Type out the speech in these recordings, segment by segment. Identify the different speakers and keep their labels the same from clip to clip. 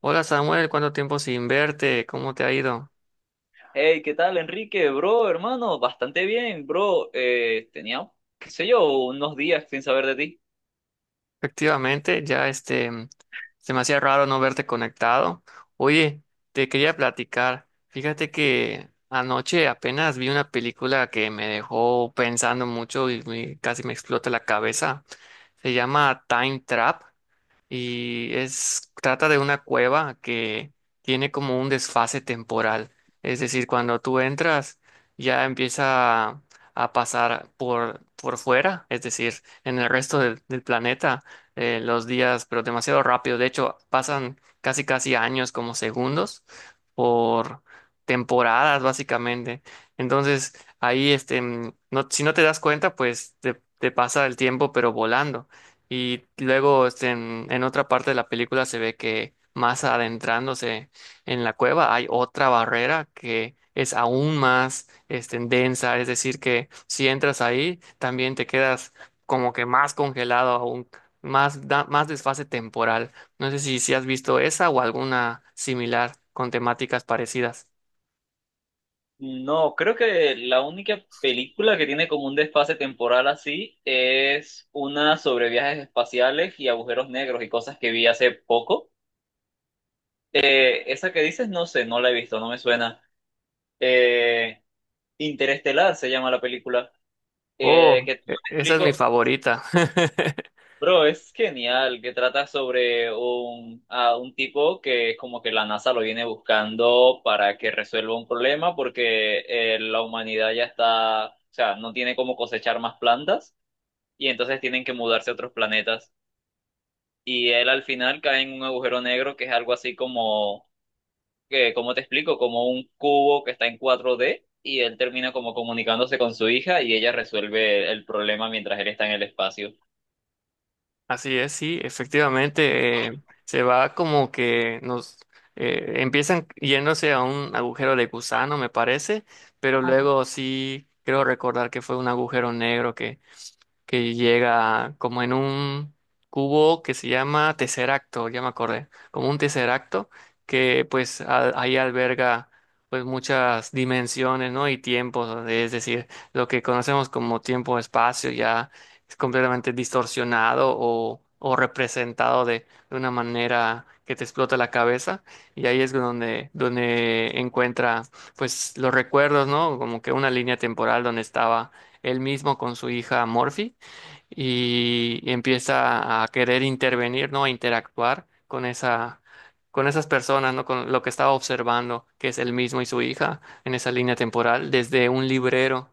Speaker 1: Hola Samuel, ¿cuánto tiempo sin verte? ¿Cómo te ha ido?
Speaker 2: Hey, ¿qué tal, Enrique? Bro, hermano, bastante bien, bro. Tenía, qué sé yo, unos días sin saber de ti.
Speaker 1: Efectivamente, ya este, se me hacía raro no verte conectado. Oye, te quería platicar. Fíjate que anoche apenas vi una película que me dejó pensando mucho y casi me explota la cabeza. Se llama Time Trap. Y es trata de una cueva que tiene como un desfase temporal, es decir, cuando tú entras ya empieza a pasar por fuera, es decir, en el resto del planeta, los días, pero demasiado rápido, de hecho pasan casi casi años como segundos por temporadas básicamente, entonces ahí este, no, si no te das cuenta, pues te pasa el tiempo pero volando. Y luego este, en otra parte de la película se ve que más adentrándose en la cueva hay otra barrera que es aún más este, densa, es decir, que si entras ahí también te quedas como que más congelado aún, más, más desfase temporal. No sé si has visto esa o alguna similar con temáticas parecidas.
Speaker 2: No, creo que la única película que tiene como un desfase temporal así es una sobre viajes espaciales y agujeros negros y cosas que vi hace poco. Esa que dices, no sé, no la he visto, no me suena. Eh, Interestelar se llama la película.
Speaker 1: Oh,
Speaker 2: Que te
Speaker 1: esa es mi
Speaker 2: explico.
Speaker 1: favorita.
Speaker 2: Bro, es genial, que trata sobre un tipo que es como que la NASA lo viene buscando para que resuelva un problema porque la humanidad ya está, o sea, no tiene cómo cosechar más plantas, y entonces tienen que mudarse a otros planetas. Y él al final cae en un agujero negro que es algo así como, que, ¿cómo te explico? Como un cubo que está en 4D, y él termina como comunicándose con su hija y ella resuelve el problema mientras él está en el espacio.
Speaker 1: Así es, sí, efectivamente, se va como que nos empiezan yéndose a un agujero de gusano, me parece, pero luego sí creo recordar que fue un agujero negro que llega como en un cubo que se llama tesseracto, ya me acordé, como un tesseracto que pues ahí alberga pues muchas dimensiones, ¿no? Y tiempos, o es decir, lo que conocemos como tiempo-espacio ya es completamente distorsionado o representado de una manera que te explota la cabeza y ahí es donde encuentra pues los recuerdos, ¿no? Como que una línea temporal donde estaba él mismo con su hija Morphy y empieza a querer intervenir, ¿no? A interactuar con esa, con esas personas, ¿no? Con lo que estaba observando, que es él mismo y su hija en esa línea temporal, desde un librero.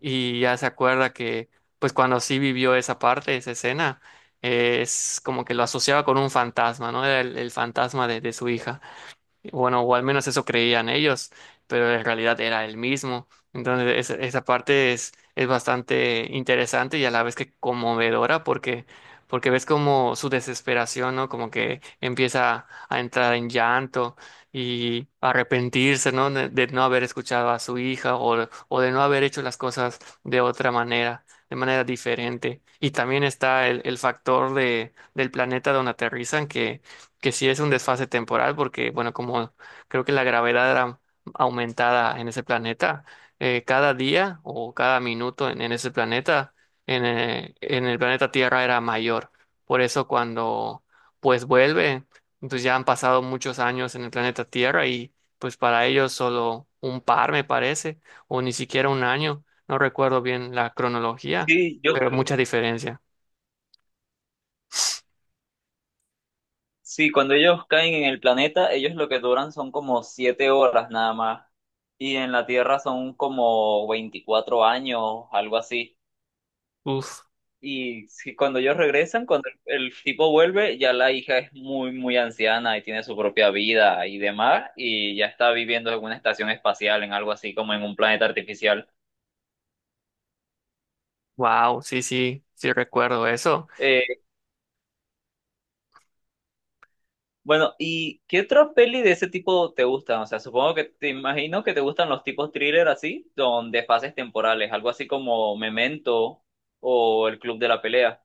Speaker 1: Y ya se acuerda que, pues cuando sí vivió esa parte, esa escena, es como que lo asociaba con un fantasma, ¿no? Era el fantasma de su hija. Bueno, o al menos eso creían ellos, pero en realidad era el mismo. Entonces, esa parte es bastante interesante y a la vez que conmovedora, porque ves como su desesperación, ¿no? Como que empieza a entrar en llanto y arrepentirse, ¿no? De no haber escuchado a su hija o de no haber hecho las cosas de otra manera, de manera diferente. Y también está el factor de, del planeta donde aterrizan, que sí es un desfase temporal, porque, bueno, como creo que la gravedad era aumentada en ese planeta, cada día o cada minuto en ese planeta, en el planeta Tierra era mayor. Por eso cuando, pues, vuelve, entonces ya han pasado muchos años en el planeta Tierra y, pues, para ellos solo un par, me parece, o ni siquiera un año, no recuerdo bien la cronología,
Speaker 2: Sí, yo.
Speaker 1: pero mucha diferencia.
Speaker 2: Sí, cuando ellos caen en el planeta, ellos lo que duran son como 7 horas nada más. Y en la Tierra son como 24 años, algo así.
Speaker 1: Uf,
Speaker 2: Cuando ellos regresan, cuando el tipo vuelve, ya la hija es muy, muy anciana y tiene su propia vida y demás, y ya está viviendo en una estación espacial, en algo así como en un planeta artificial.
Speaker 1: wow, sí, sí, sí recuerdo eso.
Speaker 2: Eh, Bueno, ¿y qué otra peli de ese tipo te gustan? O sea, supongo que te, imagino que te gustan los tipos thriller, así, donde fases temporales, algo así como Memento o El Club de la Pelea.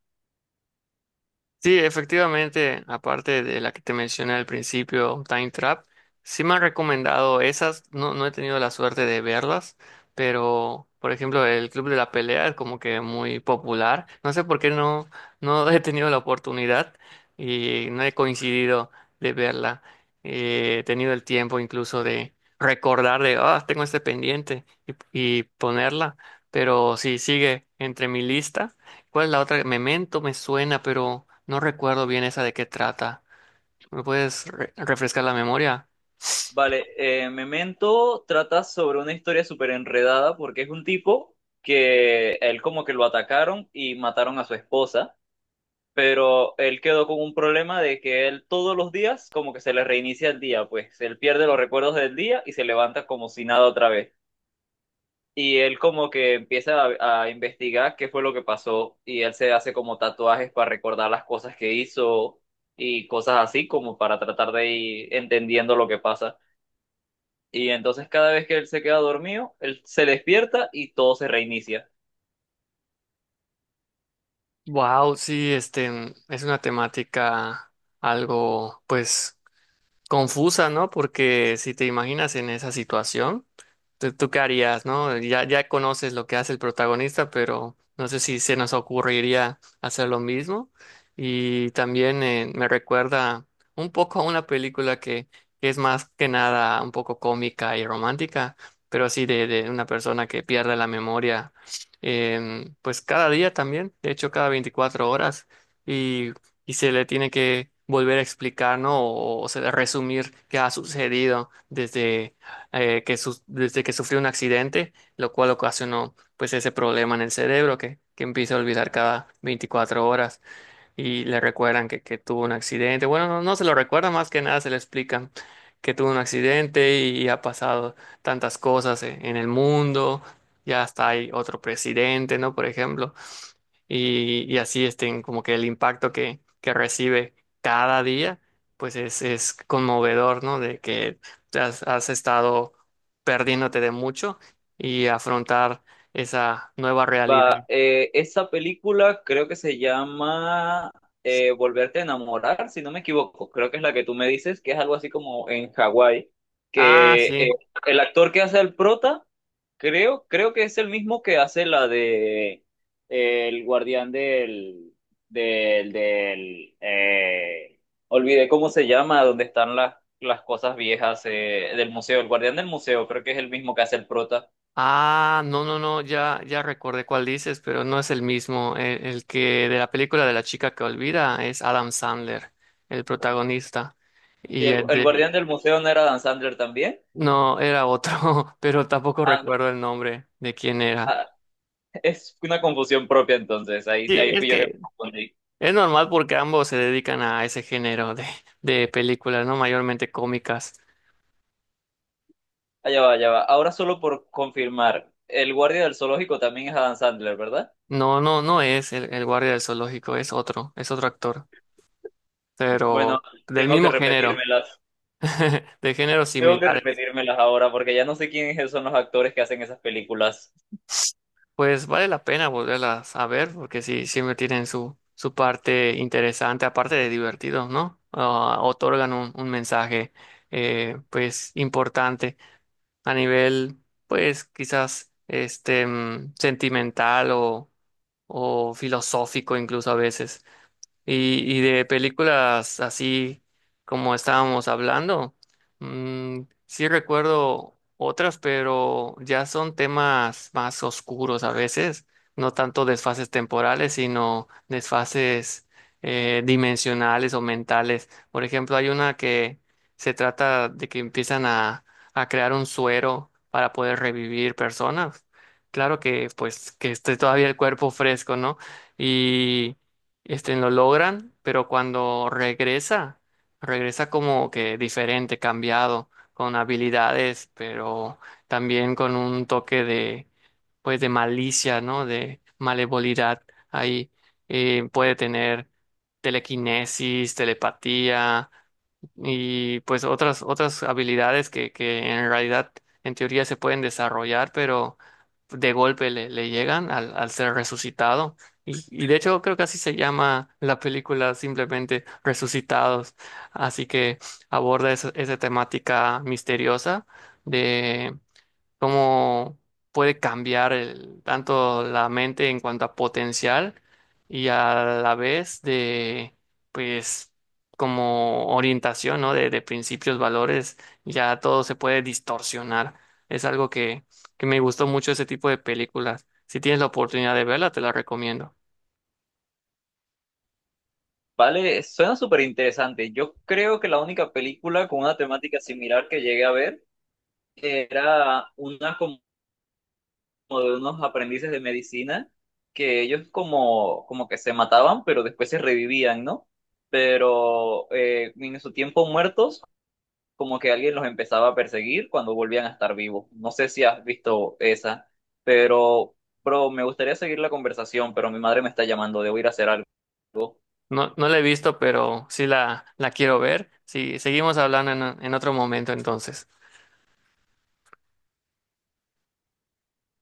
Speaker 1: Sí, efectivamente, aparte de la que te mencioné al principio, Time Trap, sí me han recomendado esas, no, no he tenido la suerte de verlas, pero por ejemplo el Club de la Pelea es como que muy popular, no sé por qué no, no he tenido la oportunidad y no he coincidido de verla. He tenido el tiempo incluso de recordar de, ah, tengo este pendiente y ponerla, pero sí sigue entre mi lista. ¿Cuál es la otra? Memento me suena, pero no recuerdo bien esa de qué trata. ¿Me puedes refrescar la memoria?
Speaker 2: Vale, Memento trata sobre una historia súper enredada porque es un tipo que él como que lo atacaron y mataron a su esposa, pero él quedó con un problema de que él todos los días como que se le reinicia el día, pues él pierde los recuerdos del día y se levanta como si nada otra vez. Y él como que empieza a investigar qué fue lo que pasó, y él se hace como tatuajes para recordar las cosas que hizo y cosas así, como para tratar de ir entendiendo lo que pasa. Y entonces cada vez que él se queda dormido, él se despierta y todo se reinicia.
Speaker 1: Wow, sí, este es una temática algo, pues, confusa, ¿no? Porque si te imaginas en esa situación, ¿tú qué harías? ¿No? Ya, ya conoces lo que hace el protagonista, pero no sé si se nos ocurriría hacer lo mismo. Y también, me recuerda un poco a una película que es más que nada un poco cómica y romántica, pero así de una persona que pierde la memoria, pues cada día también, de hecho cada 24 horas, y se le tiene que volver a explicar, ¿no? O resumir qué ha sucedido desde, desde que sufrió un accidente, lo cual ocasionó pues ese problema en el cerebro, que empieza a olvidar cada 24 horas, y le recuerdan que tuvo un accidente. Bueno, no, no se lo recuerda, más que nada se le explican que tuvo un accidente y ha pasado tantas cosas en el mundo. Ya está, hay otro presidente, ¿no? Por ejemplo, y así estén como que el impacto que recibe cada día, pues es conmovedor, ¿no? De que has estado perdiéndote de mucho y afrontar esa nueva realidad.
Speaker 2: Va, esa película creo que se llama Volverte a Enamorar, si no me equivoco. Creo que es la que tú me dices, que es algo así como en Hawái,
Speaker 1: Ah,
Speaker 2: que
Speaker 1: sí.
Speaker 2: el actor que hace el prota, creo que es el mismo que hace la de el guardián del olvidé cómo se llama, donde están las cosas viejas, del museo, el guardián del museo, creo que es el mismo que hace el prota.
Speaker 1: Ah, no, no, no, ya, ya recordé cuál dices, pero no es el mismo. El que de la película de la chica que olvida es Adam Sandler, el protagonista.
Speaker 2: ¿Y
Speaker 1: Y
Speaker 2: el,
Speaker 1: el
Speaker 2: el
Speaker 1: de...
Speaker 2: guardián del museo no era Dan Sandler también?
Speaker 1: No, era otro, pero tampoco
Speaker 2: Ah, no,
Speaker 1: recuerdo el nombre de quién era.
Speaker 2: ah, es una confusión propia entonces,
Speaker 1: Sí,
Speaker 2: ahí
Speaker 1: es
Speaker 2: fui yo que
Speaker 1: que
Speaker 2: me confundí.
Speaker 1: es normal porque ambos se dedican a ese género de películas, ¿no? Mayormente cómicas.
Speaker 2: Allá va, allá va. Ahora solo por confirmar, el guardia del zoológico también es Adam Sandler, ¿verdad?
Speaker 1: No, no, no es el guardia del zoológico, es otro actor,
Speaker 2: Bueno,
Speaker 1: pero del
Speaker 2: tengo que
Speaker 1: mismo género,
Speaker 2: repetírmelas.
Speaker 1: de géneros
Speaker 2: Tengo que
Speaker 1: similares.
Speaker 2: repetírmelas ahora porque ya no sé quiénes son los actores que hacen esas películas.
Speaker 1: Pues vale la pena volverlas a ver porque sí, siempre tienen su parte interesante, aparte de divertido, ¿no? Ah, otorgan un mensaje, pues, importante a nivel, pues quizás este, sentimental o filosófico incluso a veces. Y de películas así como estábamos hablando, sí recuerdo otras, pero ya son temas más oscuros a veces, no tanto desfases temporales, sino desfases, dimensionales o mentales. Por ejemplo, hay una que se trata de que empiezan a crear un suero para poder revivir personas. Claro que pues que esté todavía el cuerpo fresco, ¿no? Y este, lo logran, pero cuando regresa, regresa como que diferente, cambiado, con habilidades, pero también con un toque de, pues, de malicia, ¿no? De malevolidad. Ahí, puede tener telequinesis, telepatía, y pues otras habilidades que en realidad en teoría se pueden desarrollar, pero de golpe le llegan al ser resucitado. Y de hecho creo que así se llama la película, simplemente Resucitados. Así que aborda esa temática misteriosa cómo puede cambiar tanto la mente en cuanto a potencial y a la vez de, pues, como orientación, ¿no? De principios, valores, ya todo se puede distorsionar. Es algo que me gustó mucho ese tipo de películas. Si tienes la oportunidad de verla, te la recomiendo.
Speaker 2: Vale, suena súper interesante. Yo creo que la única película con una temática similar que llegué a ver era una como de unos aprendices de medicina que ellos como, como que se mataban, pero después se revivían, ¿no? Pero en su tiempo muertos, como que alguien los empezaba a perseguir cuando volvían a estar vivos. No sé si has visto esa, pero, bro, me gustaría seguir la conversación, pero mi madre me está llamando, debo ir a hacer algo.
Speaker 1: No, no la he visto, pero sí la quiero ver. Sí, seguimos hablando en otro momento entonces.